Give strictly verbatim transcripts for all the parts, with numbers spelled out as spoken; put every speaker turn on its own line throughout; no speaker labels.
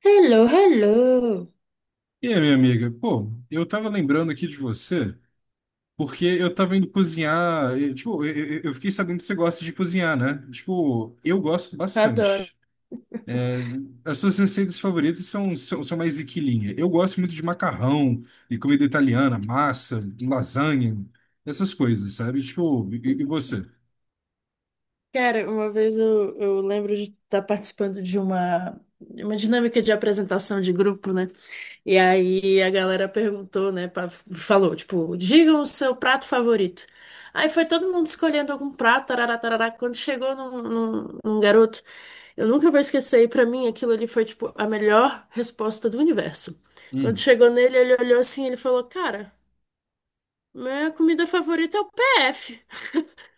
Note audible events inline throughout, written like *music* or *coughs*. Hello, hello!
E aí, minha amiga? Pô, eu tava lembrando aqui de você, porque eu tava indo cozinhar. E, tipo, eu, eu- eu fiquei sabendo que você gosta de cozinhar, né? Tipo, eu gosto
Adoro.
bastante. É, as suas receitas favoritas são, são, são mais equilinha. Eu gosto muito de macarrão e comida italiana, massa, lasanha, essas coisas, sabe? Tipo, e, e você?
Cara, uma vez eu, eu lembro de estar participando de uma, uma dinâmica de apresentação de grupo, né? E aí a galera perguntou, né? pra- falou, tipo, digam o seu prato favorito. Aí foi todo mundo escolhendo algum prato, tarará, tarará. Quando chegou num, num, num garoto, eu nunca vou esquecer, e pra mim aquilo ali foi, tipo, a melhor resposta do universo. Quando
Hum.
chegou nele, ele olhou assim, ele falou, cara, minha comida favorita é o P F.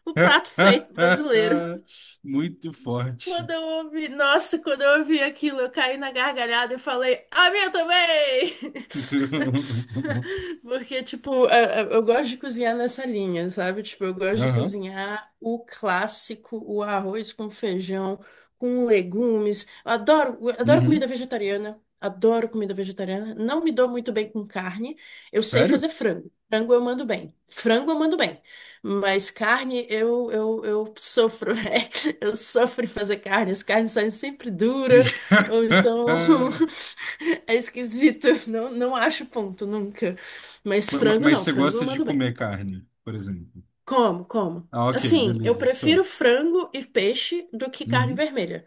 O prato feito brasileiro.
*laughs* Muito forte.
Quando eu ouvi, nossa, quando eu ouvi aquilo, eu caí na gargalhada e falei, a minha também!
*laughs*
*laughs* Porque, tipo, a- a- eu gosto de cozinhar nessa linha, sabe? Tipo, eu gosto de
Aham.
cozinhar o clássico, o arroz com feijão, com legumes. Eu adoro, eu adoro comida
Uhum.
vegetariana. Adoro comida vegetariana. Não me dou muito bem com carne. Eu sei
Sério?
fazer frango. Frango eu mando bem. Frango eu mando bem. Mas carne, eu, eu, eu sofro, *laughs* né? Eu sofro em fazer carne. As carnes saem sempre dura, ou então
*laughs*
*laughs* é esquisito. Não, não acho ponto nunca. Mas
Ma- ma-
frango
Mas
não,
você
frango eu
gosta de
mando bem.
comer carne, por exemplo.
Como, como?
Ah, ok,
Assim, eu
beleza, só.
prefiro frango e peixe do que carne
Uhum,
vermelha.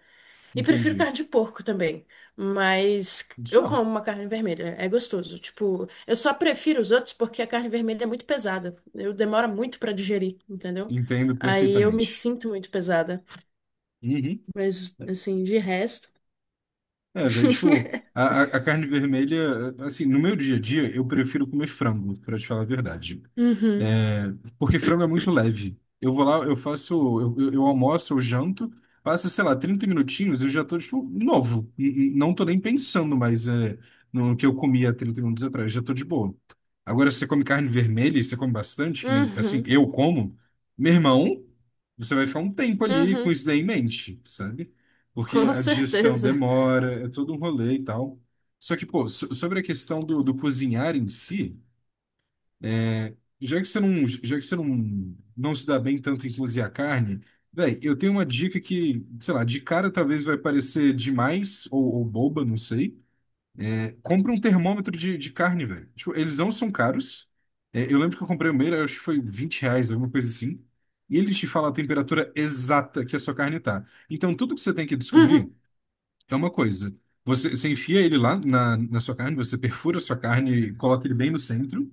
E prefiro
entendi.
carne de porco também, mas eu
Só.
como uma carne vermelha, é gostoso. Tipo, eu só prefiro os outros porque a carne vermelha é muito pesada. Eu demora muito pra digerir, entendeu?
Entendo
Aí eu me
perfeitamente.
sinto muito pesada,
Uhum.
mas assim, de resto.
É, velho, tipo,
*laughs*
a, a a carne vermelha, assim, no meu dia a dia, eu prefiro comer frango, pra te falar a verdade.
Uhum,
É, porque frango é muito leve. Eu vou lá, eu faço, eu, eu- eu almoço, eu janto, passa, sei lá, trinta minutinhos, eu já tô, tipo, novo. N- n- Não tô nem pensando mais é, no que eu comia trinta minutos atrás, já tô de boa. Agora, se você come carne vermelha, e você come bastante, que nem, assim,
uhum,
eu como, meu irmão, você vai ficar um tempo ali com
uhum,
isso daí em mente, sabe? Porque
com
a digestão
certeza.
demora, é todo um rolê e tal. Só que, pô, so- sobre a questão do, do, cozinhar em si. Já que você não, já que você não, não se dá bem tanto em cozinhar carne, véi, eu tenho uma dica que, sei lá, de cara talvez vai parecer demais ou, ou boba, não sei. É, compra um termômetro de, de carne, velho. Tipo, eles não são caros. É, eu lembro que eu comprei o meu, eu acho que foi vinte reais, alguma coisa assim. E eles te fala a temperatura exata que a sua carne tá. Então, tudo que você tem que
Uhum,
descobrir é uma coisa. Você, você enfia ele lá na, na, sua carne, você perfura a sua carne, coloca ele bem no centro.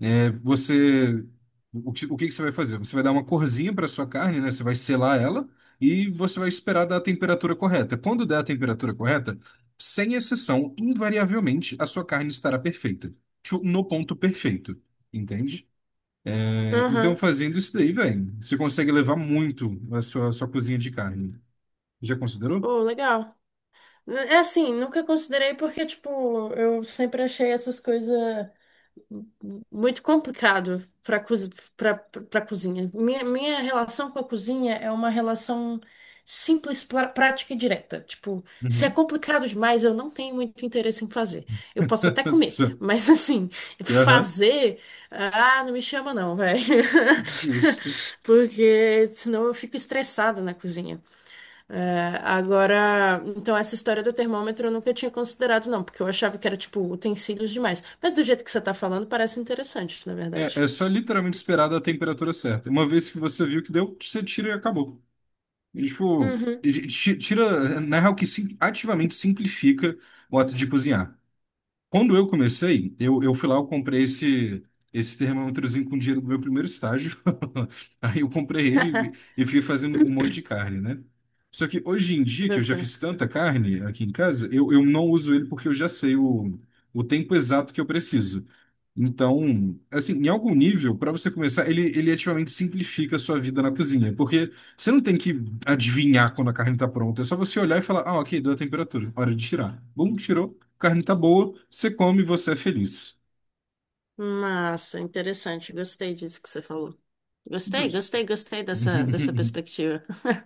É, você, o que, o que que você vai fazer? Você vai dar uma corzinha para sua carne, né? Você vai selar ela e você vai esperar dar a temperatura correta. Quando der a temperatura correta, sem exceção, invariavelmente, a sua carne estará perfeita. Tipo, no ponto perfeito, entende? É, então,
uhum.
fazendo isso daí, velho, você consegue levar muito a sua, sua cozinha de carne. Já considerou?
Pô, legal. É assim, nunca considerei porque, tipo, eu sempre achei essas coisas muito complicado para para cozinha. Minha, minha relação com a cozinha é uma relação simples, pra- prática e direta. Tipo, se é
Uhum.
complicado demais, eu não tenho muito interesse em fazer. Eu posso até
*laughs*
comer,
Nossa.
mas *laughs* assim,
Aham.
fazer, ah, não me chama não, velho.
Justo.
*laughs* Porque senão eu fico estressada na cozinha. É, agora, então essa história do termômetro eu nunca tinha considerado, não, porque eu achava que era tipo utensílios demais. Mas do jeito que você tá falando, parece interessante, na
É,
verdade.
é só literalmente esperar da temperatura certa. Uma vez que você viu que deu, você tira e acabou. E, tipo,
Uhum.
ti- tira, na real, que sim- ativamente simplifica o ato de cozinhar. Quando eu comecei, eu, eu fui lá, eu comprei esse, esse termômetrozinho com dinheiro do meu primeiro estágio. *laughs* Aí eu comprei ele
*laughs*
e fui fazendo um monte de carne, né? Só que hoje em dia, que eu
Boto
já
fé.
fiz tanta carne aqui em casa, eu, eu não uso ele porque eu já sei o, o tempo exato que eu preciso. Então, assim, em algum nível, para você começar, ele, ele ativamente simplifica a sua vida na cozinha, porque você não tem que adivinhar quando a carne está pronta, é só você olhar e falar, ah, ok, deu a temperatura, hora de tirar. Bom, tirou. Carne tá boa, você come e você é feliz.
Massa, interessante. Gostei disso que você falou. Gostei,
Justo.
gostei, gostei dessa, dessa
*laughs*
perspectiva.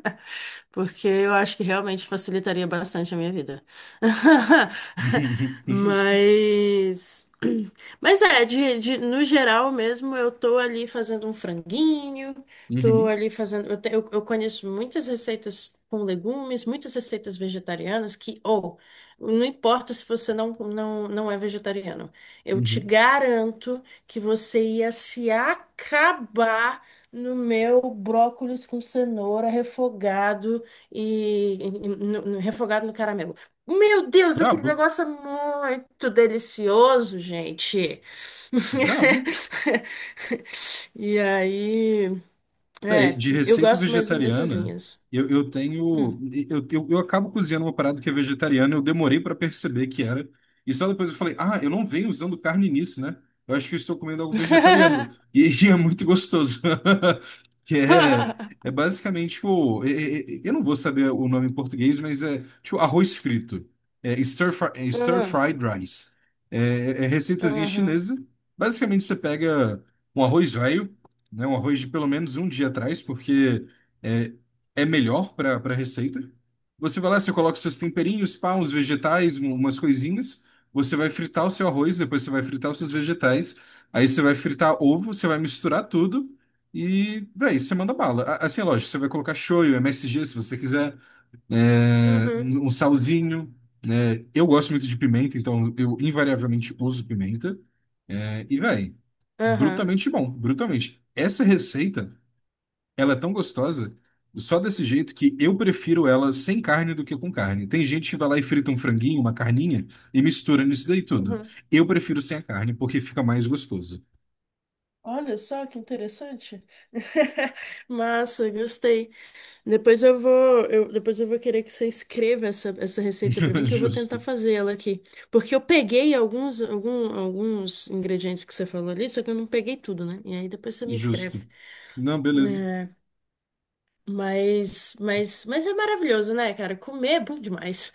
*laughs* Porque eu acho que realmente facilitaria bastante a minha vida. *laughs*
Justo.
Mas. *clears throat* Mas é, de, de- no geral mesmo, eu tô ali fazendo um franguinho, tô
Uhum,
ali fazendo. Eu, te- eu, eu conheço muitas receitas com legumes, muitas receitas vegetarianas que, ou, não importa se você não, não, não é vegetariano. Eu te
uhum.
garanto que você ia se acabar no meu brócolis com cenoura refogado e, e- e- no- no- refogado no caramelo. Meu Deus, aquele
Brabo,
negócio é muito delicioso, gente.
brabo.
*laughs* E aí,
Bem,
é,
de
eu
receita
gosto mesmo dessas
vegetariana,
linhas.
eu, eu
Hum.
tenho. Eu, eu, eu acabo cozinhando uma parada que é vegetariana, eu demorei para perceber que era. E só depois eu falei, ah, eu não venho usando carne nisso, né? Eu acho que eu estou comendo algo vegetariano.
*laughs*
E, *laughs* é muito gostoso. *laughs* Que é, é basicamente, tipo, é- é- é- eu não vou saber o nome em português, mas é tipo arroz frito. É stir, fri- é stir
Hum,
fried rice. É, é receitazinha
Aham,
chinesa. Basicamente, você pega um arroz velho, né? Um arroz de pelo menos um dia atrás, porque é, é melhor para para receita. Você vai lá, você coloca seus temperinhos, pá, uns vegetais, um- umas coisinhas. Você vai fritar o seu arroz, depois você vai fritar os seus vegetais. Aí você vai fritar ovo, você vai misturar tudo e, véi, você manda bala. A- Assim, é lógico, você vai colocar shoyu, M S G, se você quiser é,
uhum,
um salzinho, né? Eu gosto muito de pimenta, então eu invariavelmente uso pimenta. É, e, véi, brutamente bom, brutamente. Essa receita, ela é tão gostosa, só desse jeito que eu prefiro ela sem carne do que com carne. Tem gente que vai lá e frita um franguinho, uma carninha e mistura nisso daí tudo.
uhum.
Eu prefiro sem a carne, porque fica mais gostoso.
Olha só que interessante. *laughs* Massa, gostei. Depois eu vou, eu- depois eu vou querer que você escreva essa, essa receita para mim,
*laughs*
que eu vou
Justo,
tentar fazer ela aqui. Porque eu peguei alguns, algum- alguns ingredientes que você falou ali, só que eu não peguei tudo, né? E aí depois você me escreve.
justo. Não, beleza.
Mas, mas, mas é maravilhoso, né, cara? Comer é bom demais.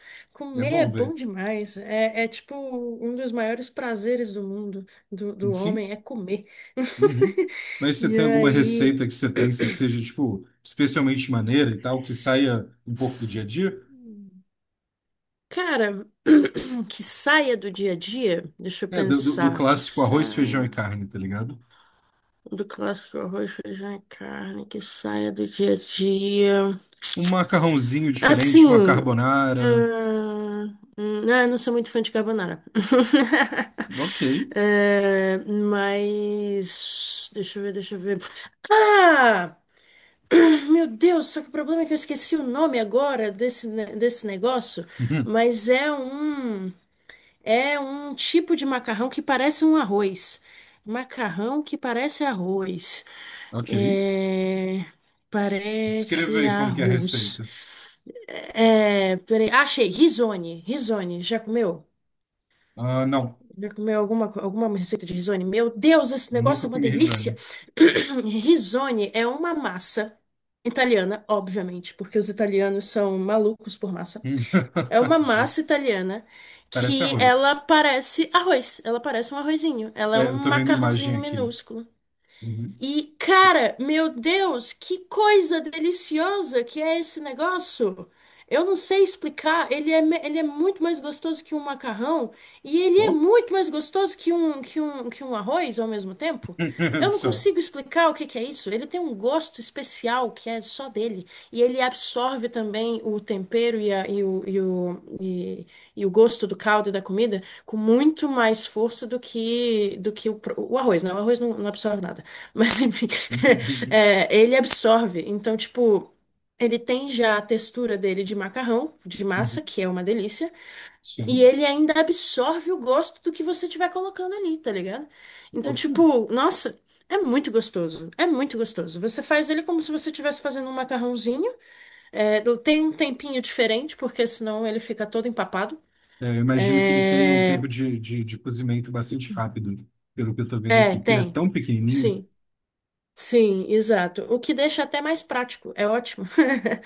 É
Comer é
bom, velho.
bom demais. É, é tipo um dos maiores prazeres do mundo, do, do
Sim.
homem, é comer.
Uhum. Mas
*laughs*
você
E
tem alguma
aí,
receita que você pensa que seja, tipo, especialmente maneira e tal, que saia um pouco do dia a dia?
cara, *clears throat* que saia do dia a dia, deixa eu
É, do, do- do
pensar, que
clássico arroz, feijão e
saia
carne, tá ligado?
do clássico arroz, feijão e carne, que saia do dia a dia.
Um macarrãozinho diferente,
Assim.
uma carbonara.
Hum, hum, ah, eu não sou muito fã de carbonara. *laughs*
Ok.
É, mas. Deixa eu ver, deixa eu ver. Ah! Meu Deus, só que o problema é que eu esqueci o nome agora desse, ne- desse negócio.
Uhum.
Mas é um. É um tipo de macarrão que parece um arroz. Macarrão que parece arroz.
Ok.
É,
Descreva
parece
aí como que é a
arroz.
receita.
É... Peraí. Ah, achei. Risone. Risone. Já comeu?
Ah, não.
Já comeu alguma, alguma receita de risone? Meu Deus, esse negócio
Nunca
é uma
comi
delícia!
risânio.
*coughs* *clears throat* Risone é uma massa italiana, obviamente, porque os italianos são malucos por massa.
Hum.
É uma
*laughs*
massa
Justo.
italiana
Parece
que ela
arroz.
parece arroz. Ela parece um arrozinho. Ela é
É,
um
eu tô vendo imagem
macarrãozinho
aqui.
minúsculo.
Uhum.
E, cara, meu Deus, que coisa deliciosa que é esse negócio! Eu não sei explicar, ele é, me- ele é muito mais gostoso que um macarrão e ele é
Bom?
muito mais gostoso que um, que um, que um arroz ao mesmo tempo.
*laughs*
Eu não
Só.
consigo explicar o que que é isso. Ele tem um gosto especial que é só dele e ele absorve também o tempero e, a- e o, e, o, e, e o gosto do caldo e da comida com muito mais força do que, do que o, pro- o arroz, né? O arroz não não absorve nada. Mas enfim, *laughs*
Uhum.
é, ele absorve. Então, tipo, ele tem já a textura dele de macarrão, de
Uhum.
massa, que é uma delícia, e
Sim.
ele ainda absorve o gosto do que você tiver colocando ali, tá ligado? Então,
Boto fé.
tipo, nossa, é muito gostoso. É muito gostoso. Você faz ele como se você estivesse fazendo um macarrãozinho. É, tem um tempinho diferente, porque senão ele fica todo empapado.
É, eu imagino que ele tenha um
É,
tempo de, de, de cozimento bastante rápido, pelo que eu tô vendo
é,
aqui. Porque ele é
tem.
tão pequenininho.
Sim. Sim, exato. O que deixa até mais prático, é ótimo. *laughs*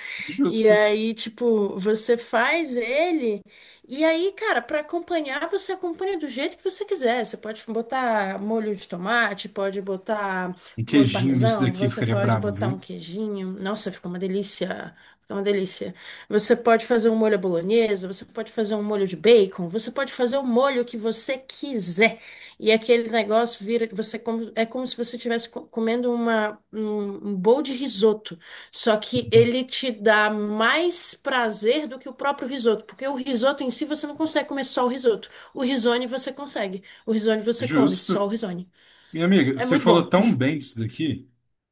E
Justo.
aí, tipo, você faz ele, e aí, cara, para acompanhar, você acompanha do jeito que você quiser. Você pode botar molho de tomate, pode botar
Um
molho
queijinho nisso
parmesão,
daqui
você
ficaria
pode
brabo,
botar um
viu?
queijinho. Nossa, fica uma delícia. Fica uma delícia. Você pode fazer um molho à bolonhesa, você pode fazer um molho de bacon, você pode fazer o molho que você quiser. E aquele negócio vira você como, é como se você estivesse co- comendo uma, um, um bowl de risoto. Só que ele te dá mais prazer do que o próprio risoto. Porque o risoto em si você não consegue comer só o risoto. O risone você consegue. O risone você come, só
Justo.
o risone.
Minha amiga,
É
você
muito
falou
bom.
tão
*laughs*
bem disso daqui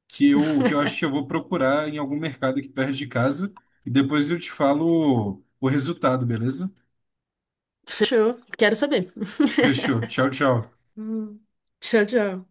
que eu, que eu, acho que eu vou procurar em algum mercado aqui perto de casa e depois eu te falo o resultado, beleza?
Fechou? Quero saber.
Fechou.
*laughs*
Tchau, tchau.
Hum. Tchau, tchau.